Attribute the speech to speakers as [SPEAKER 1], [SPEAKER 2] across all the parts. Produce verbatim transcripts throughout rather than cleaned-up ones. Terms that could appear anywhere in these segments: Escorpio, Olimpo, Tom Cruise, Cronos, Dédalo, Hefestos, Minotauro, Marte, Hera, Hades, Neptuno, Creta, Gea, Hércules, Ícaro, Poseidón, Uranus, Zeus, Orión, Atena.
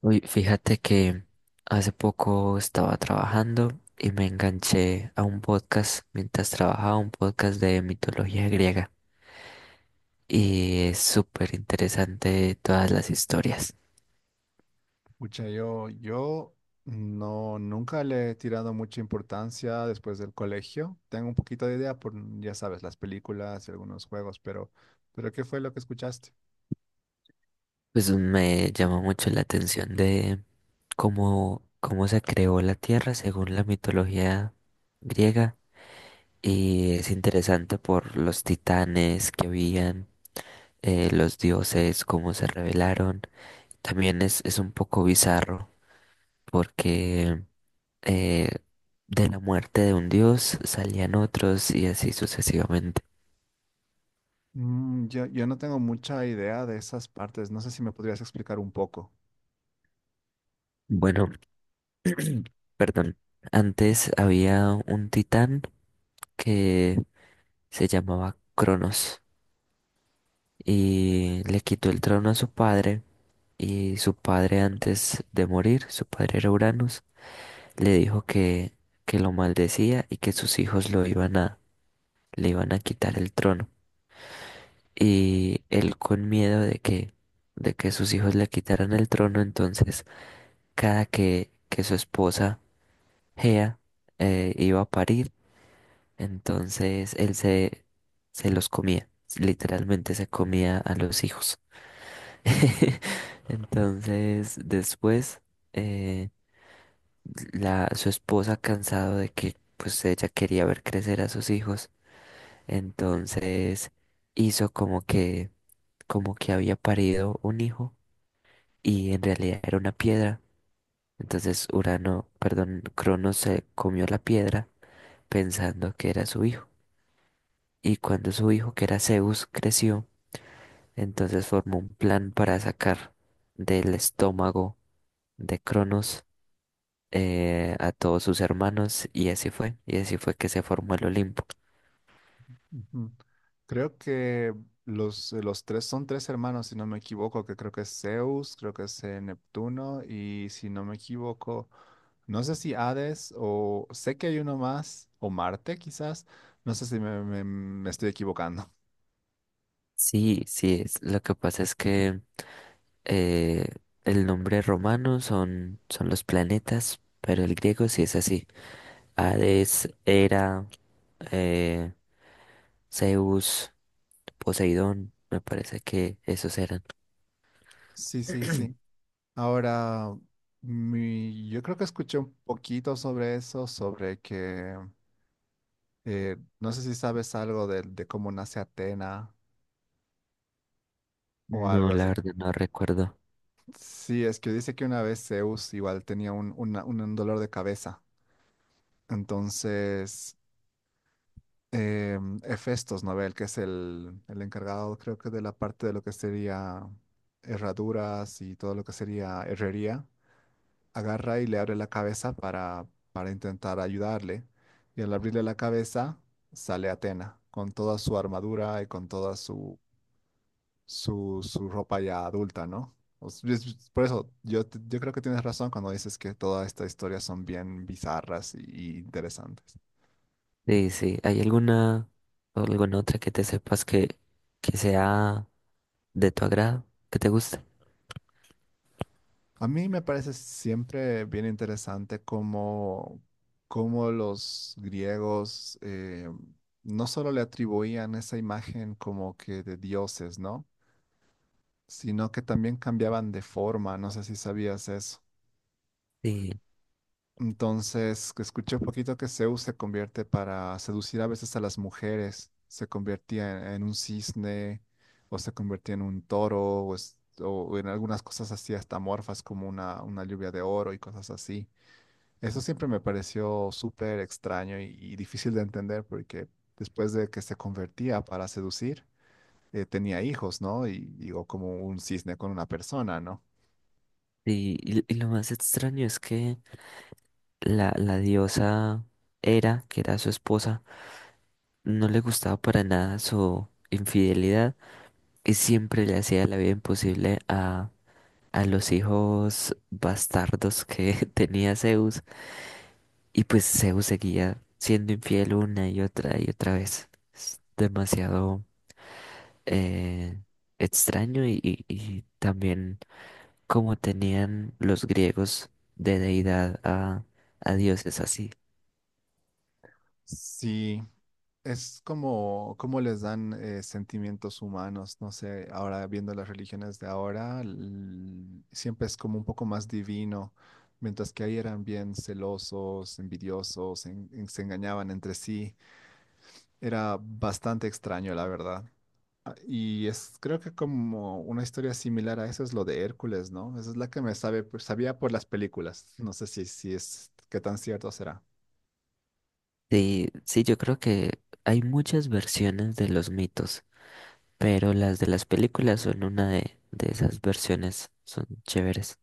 [SPEAKER 1] Uy, fíjate que hace poco estaba trabajando y me enganché a un podcast mientras trabajaba, un podcast de mitología griega. Y es súper interesante todas las historias.
[SPEAKER 2] Pucha, yo, yo no, nunca le he tirado mucha importancia después del colegio. Tengo un poquito de idea por, ya sabes, las películas y algunos juegos, pero, pero ¿qué fue lo que escuchaste?
[SPEAKER 1] Pues me llamó mucho la atención de cómo, cómo se creó la Tierra según la mitología griega. Y es interesante por los titanes que habían, eh, los dioses, cómo se revelaron. También es, es un poco bizarro porque eh, de la muerte de un dios salían otros y así sucesivamente.
[SPEAKER 2] Mm, yo, yo no tengo mucha idea de esas partes. No sé si me podrías explicar un poco.
[SPEAKER 1] Bueno, perdón, antes había un titán que se llamaba Cronos y le quitó el trono a su padre y su padre antes de morir, su padre era Uranus, le dijo que, que lo maldecía y que sus hijos lo iban a, le iban a quitar el trono. Y él con miedo de que, de que sus hijos le quitaran el trono, entonces cada que, que su esposa Gea eh, iba a parir, entonces él se, se los comía, literalmente se comía a los hijos. Entonces después, eh, la, su esposa cansado de que pues ella quería ver crecer a sus hijos, entonces hizo como que como que había parido un hijo y en realidad era una piedra. Entonces Urano, perdón, Cronos se comió la piedra pensando que era su hijo. Y cuando su hijo, que era Zeus, creció, entonces formó un plan para sacar del estómago de Cronos, eh, a todos sus hermanos y así fue. Y así fue que se formó el Olimpo.
[SPEAKER 2] Ujú. Creo que los, eh, los tres son tres hermanos, si no me equivoco, que creo que es Zeus, creo que es eh, Neptuno y si no me equivoco, no sé si Hades o sé que hay uno más, o Marte quizás, no sé si me, me- me estoy equivocando.
[SPEAKER 1] Sí, sí, es- lo que pasa es que eh, el nombre romano son, son los planetas, pero el griego sí es así. Hades, Hera, eh, Zeus, Poseidón, me parece que esos eran.
[SPEAKER 2] Sí, sí, sí. Ahora, mi- yo creo que escuché un poquito sobre eso, sobre que eh, no sé si sabes algo de, de cómo nace Atena o
[SPEAKER 1] No,
[SPEAKER 2] algo
[SPEAKER 1] la
[SPEAKER 2] así.
[SPEAKER 1] verdad no recuerdo.
[SPEAKER 2] Sí, es que dice que una vez Zeus igual tenía un, una- un dolor de cabeza. Entonces, eh, Hefestos, ¿no ve? El que es el, el encargado, creo que de la parte de lo que sería herraduras y todo lo que sería herrería, agarra y le abre la cabeza para, para intentar ayudarle. Y al abrirle la cabeza, sale Atena con toda su armadura y con toda su, su ropa ya adulta, ¿no? O s- es- es- Por eso, yo, t- yo creo que tienes razón cuando dices que todas estas historias son bien bizarras y, y interesantes.
[SPEAKER 1] Sí, sí, ¿hay alguna o alguna otra que te sepas que, que sea de tu agrado, que te guste?
[SPEAKER 2] A mí me parece siempre bien interesante cómo, cómo los griegos eh, no solo le atribuían esa imagen como que de dioses, ¿no? Sino que también cambiaban de forma, no sé si sabías eso.
[SPEAKER 1] Sí,
[SPEAKER 2] Entonces, que escuché un poquito que Zeus se convierte para seducir a veces a las mujeres. Se convertía en, en un cisne, o se convertía en un toro, o, es- o en algunas cosas así hasta morfas como una, una lluvia de oro y cosas así. Eso siempre me pareció súper extraño y, y difícil de entender porque después de que se convertía para seducir, eh, tenía hijos, ¿no? Y digo, como un cisne con una persona, ¿no?
[SPEAKER 1] sí, y, y lo más extraño es que la, la diosa Hera, que era su esposa, no le gustaba para nada su infidelidad y siempre le hacía la vida imposible a, a los hijos bastardos que tenía Zeus. Y pues Zeus seguía siendo infiel una y otra y otra vez. Es demasiado eh, extraño y, y- y también como tenían los griegos de deidad a, a dioses así.
[SPEAKER 2] Sí, es como, como les dan eh, sentimientos humanos, no sé, ahora viendo las religiones de ahora, l- siempre es como un poco más divino, mientras que ahí eran bien celosos, envidiosos, en- en- se engañaban entre sí, era bastante extraño, la verdad. Ah, y es, creo que como una historia similar a eso es lo de Hércules, ¿no? Esa es la que me sabe, pues, sabía por las películas, no sé si, si es, qué tan cierto será.
[SPEAKER 1] Sí, sí, yo creo que hay muchas versiones de los mitos, pero las de las películas son una de, de esas versiones, son chéveres.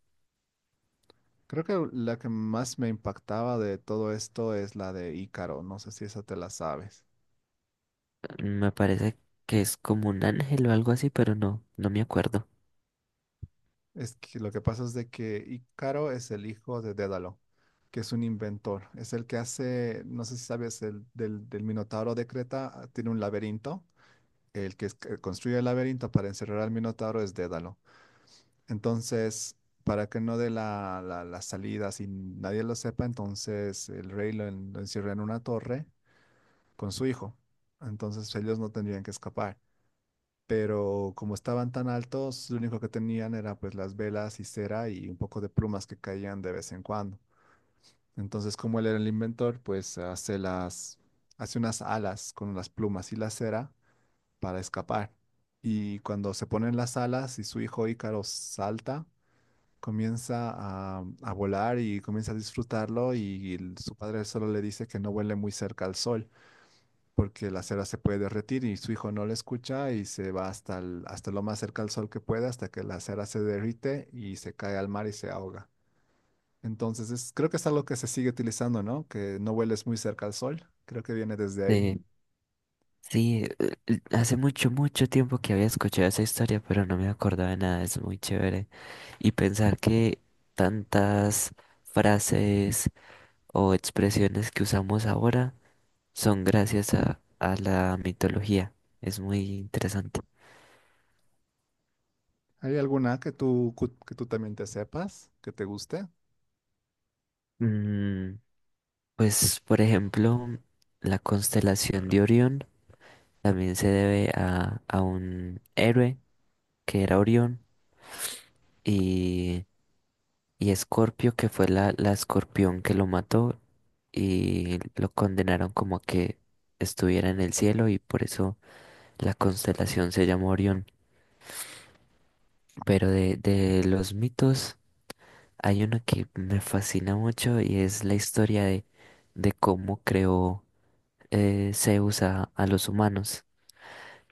[SPEAKER 2] Creo que la que más me impactaba de todo esto es la de Ícaro. No sé si esa te la sabes.
[SPEAKER 1] Me parece que es como un ángel o algo así, pero no, no me acuerdo.
[SPEAKER 2] Es que lo que pasa es de que Ícaro es el hijo de Dédalo, que es un inventor. Es el que hace, no sé si sabes, el del, del Minotauro de Creta tiene un laberinto. El que es- que construye el laberinto para encerrar al Minotauro es Dédalo. Entonces, para que no dé la, la, la salida, si nadie lo sepa, entonces el rey lo en- lo encierra en una torre con su hijo. Entonces ellos no tendrían que escapar. Pero como estaban tan altos, lo único que tenían era pues las velas y cera y un poco de plumas que caían de vez en cuando. Entonces, como él era el inventor, pues hace las, hace unas alas con las plumas y la cera para escapar. Y cuando se ponen las alas y su hijo Ícaro salta, comienza a, a volar y comienza a disfrutarlo y el- su padre solo le dice que no vuele muy cerca al sol porque la cera se puede derretir y su hijo no la escucha y se va hasta, el- hasta lo más cerca al sol que puede hasta que la cera se derrite y se cae al mar y se ahoga. Entonces, es- creo que es algo que se sigue utilizando, ¿no? Que no vueles muy cerca al sol. Creo que viene desde ahí.
[SPEAKER 1] Sí. Sí, eh, eh, hace mucho, mucho tiempo que había escuchado esa historia, pero no me acordaba de nada, es muy chévere. Y pensar que tantas frases o expresiones que usamos ahora son gracias a, a la mitología, es muy interesante.
[SPEAKER 2] ¿Hay alguna que tú, cu- que tú también te sepas, que te guste?
[SPEAKER 1] Mm, pues, por ejemplo, la constelación de Orión también se debe a, a un héroe que era Orión y... Y Escorpio, que fue la, la escorpión que lo mató y lo condenaron como a que estuviera en el cielo y por eso la constelación se llama Orión. Pero de, de los mitos hay uno que me fascina mucho y es la historia de, de cómo creó eh, Zeus a, a los humanos.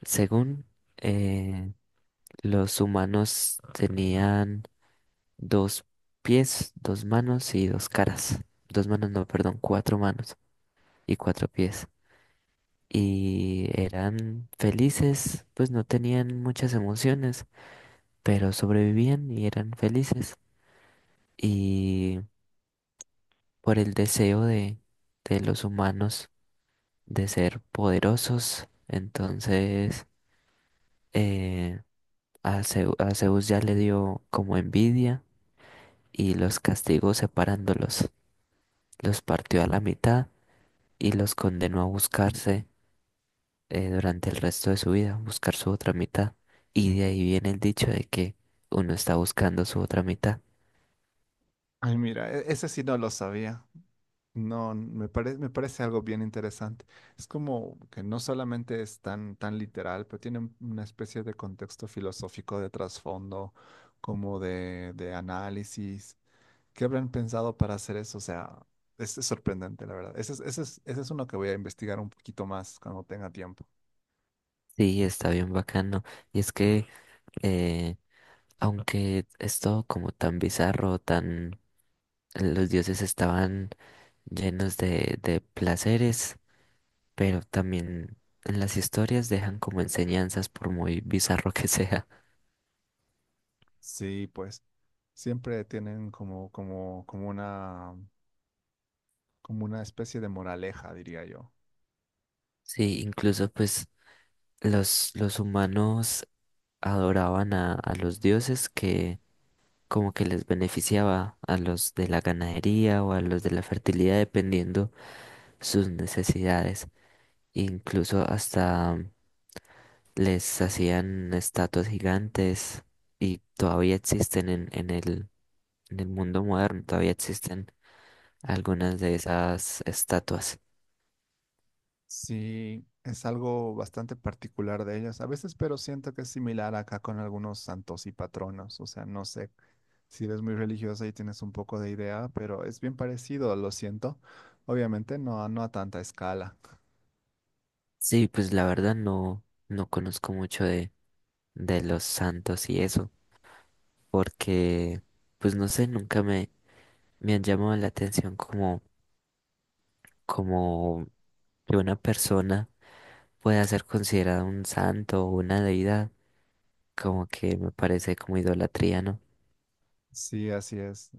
[SPEAKER 1] Según eh, los humanos tenían dos pies, dos manos y dos caras. Dos manos, no, perdón, cuatro manos. Y cuatro pies. Y eran felices, pues no tenían muchas emociones, pero sobrevivían y eran felices. Y por el deseo de, de los humanos de ser poderosos, entonces, eh, a Zeu- a Zeus ya le dio como envidia y los castigó separándolos. Los partió a la mitad y los condenó a buscarse, eh, durante el resto de su vida, buscar su otra mitad. Y de ahí viene el dicho de que uno está buscando su otra mitad.
[SPEAKER 2] Ay, mira, e- ese sí no lo sabía. No, me parece, me parece algo bien interesante. Es como que no solamente es tan, tan literal, pero tiene un- una especie de contexto filosófico de trasfondo, como de, de análisis. ¿Qué habrán pensado para hacer eso? O sea, es, es sorprendente, la verdad. Ese es, ese es, ese es uno que voy a investigar un poquito más cuando tenga tiempo.
[SPEAKER 1] Sí, está bien bacano. Y es que, eh, aunque es todo como tan bizarro, tan... Los dioses estaban llenos de, de placeres, pero también en las historias dejan como enseñanzas por muy bizarro que sea.
[SPEAKER 2] Sí, pues siempre tienen como, como, como una, como una especie de moraleja, diría yo.
[SPEAKER 1] Sí, incluso pues los, los humanos adoraban a, a los dioses que como que les beneficiaba a los de la ganadería o a los de la fertilidad, dependiendo sus necesidades. Incluso hasta les hacían estatuas gigantes y todavía existen en, en el, en el mundo moderno, todavía existen algunas de esas estatuas.
[SPEAKER 2] Sí, es algo bastante particular de ellas a veces, pero siento que es similar acá con algunos santos y patronos. O sea, no sé si eres muy religiosa y tienes un poco de idea, pero es bien parecido, lo siento. Obviamente no, a- no a tanta escala.
[SPEAKER 1] Sí, pues la verdad no, no conozco mucho de, de los santos y eso, porque pues no sé, nunca me, me han llamado la atención como, como que una persona pueda ser considerada un santo o una deidad, como que me parece como idolatría, ¿no?
[SPEAKER 2] Sí, así es.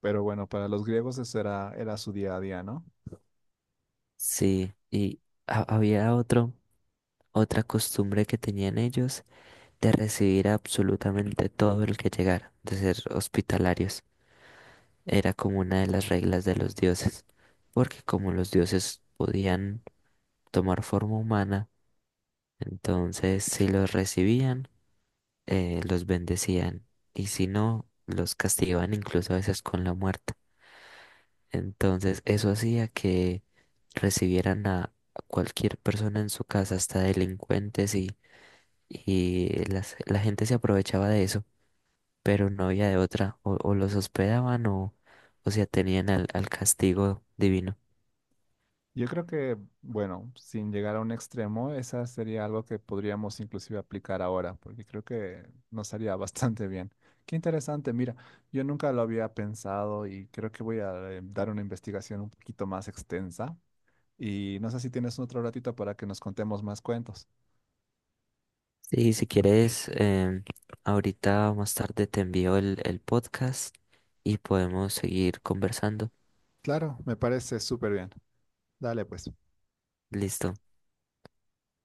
[SPEAKER 2] Pero bueno, para los griegos eso era, era su día a día, ¿no?
[SPEAKER 1] Sí, y ha- había otro, otra costumbre que tenían ellos de recibir absolutamente todo el que llegara, de ser hospitalarios. Era como una de las reglas de los dioses, porque como los dioses podían tomar forma humana, entonces si los recibían, eh, los bendecían y si no, los castigaban incluso a veces con la muerte. Entonces eso hacía que recibieran a cualquier persona en su casa, hasta delincuentes y, y las- la gente se aprovechaba de eso, pero no había de otra, o, o los hospedaban o, o se atenían al, al castigo divino.
[SPEAKER 2] Yo creo que, bueno, sin llegar a un extremo, esa sería algo que podríamos inclusive aplicar ahora, porque creo que nos haría bastante bien. Qué interesante, mira, yo nunca lo había pensado y creo que voy a eh, dar una investigación un poquito más extensa y no sé si tienes otro ratito para que nos contemos más cuentos.
[SPEAKER 1] Sí, si quieres, em, ahorita más tarde te envío el, el podcast y podemos seguir conversando.
[SPEAKER 2] Claro, me parece súper bien. Dale, pues.
[SPEAKER 1] Listo.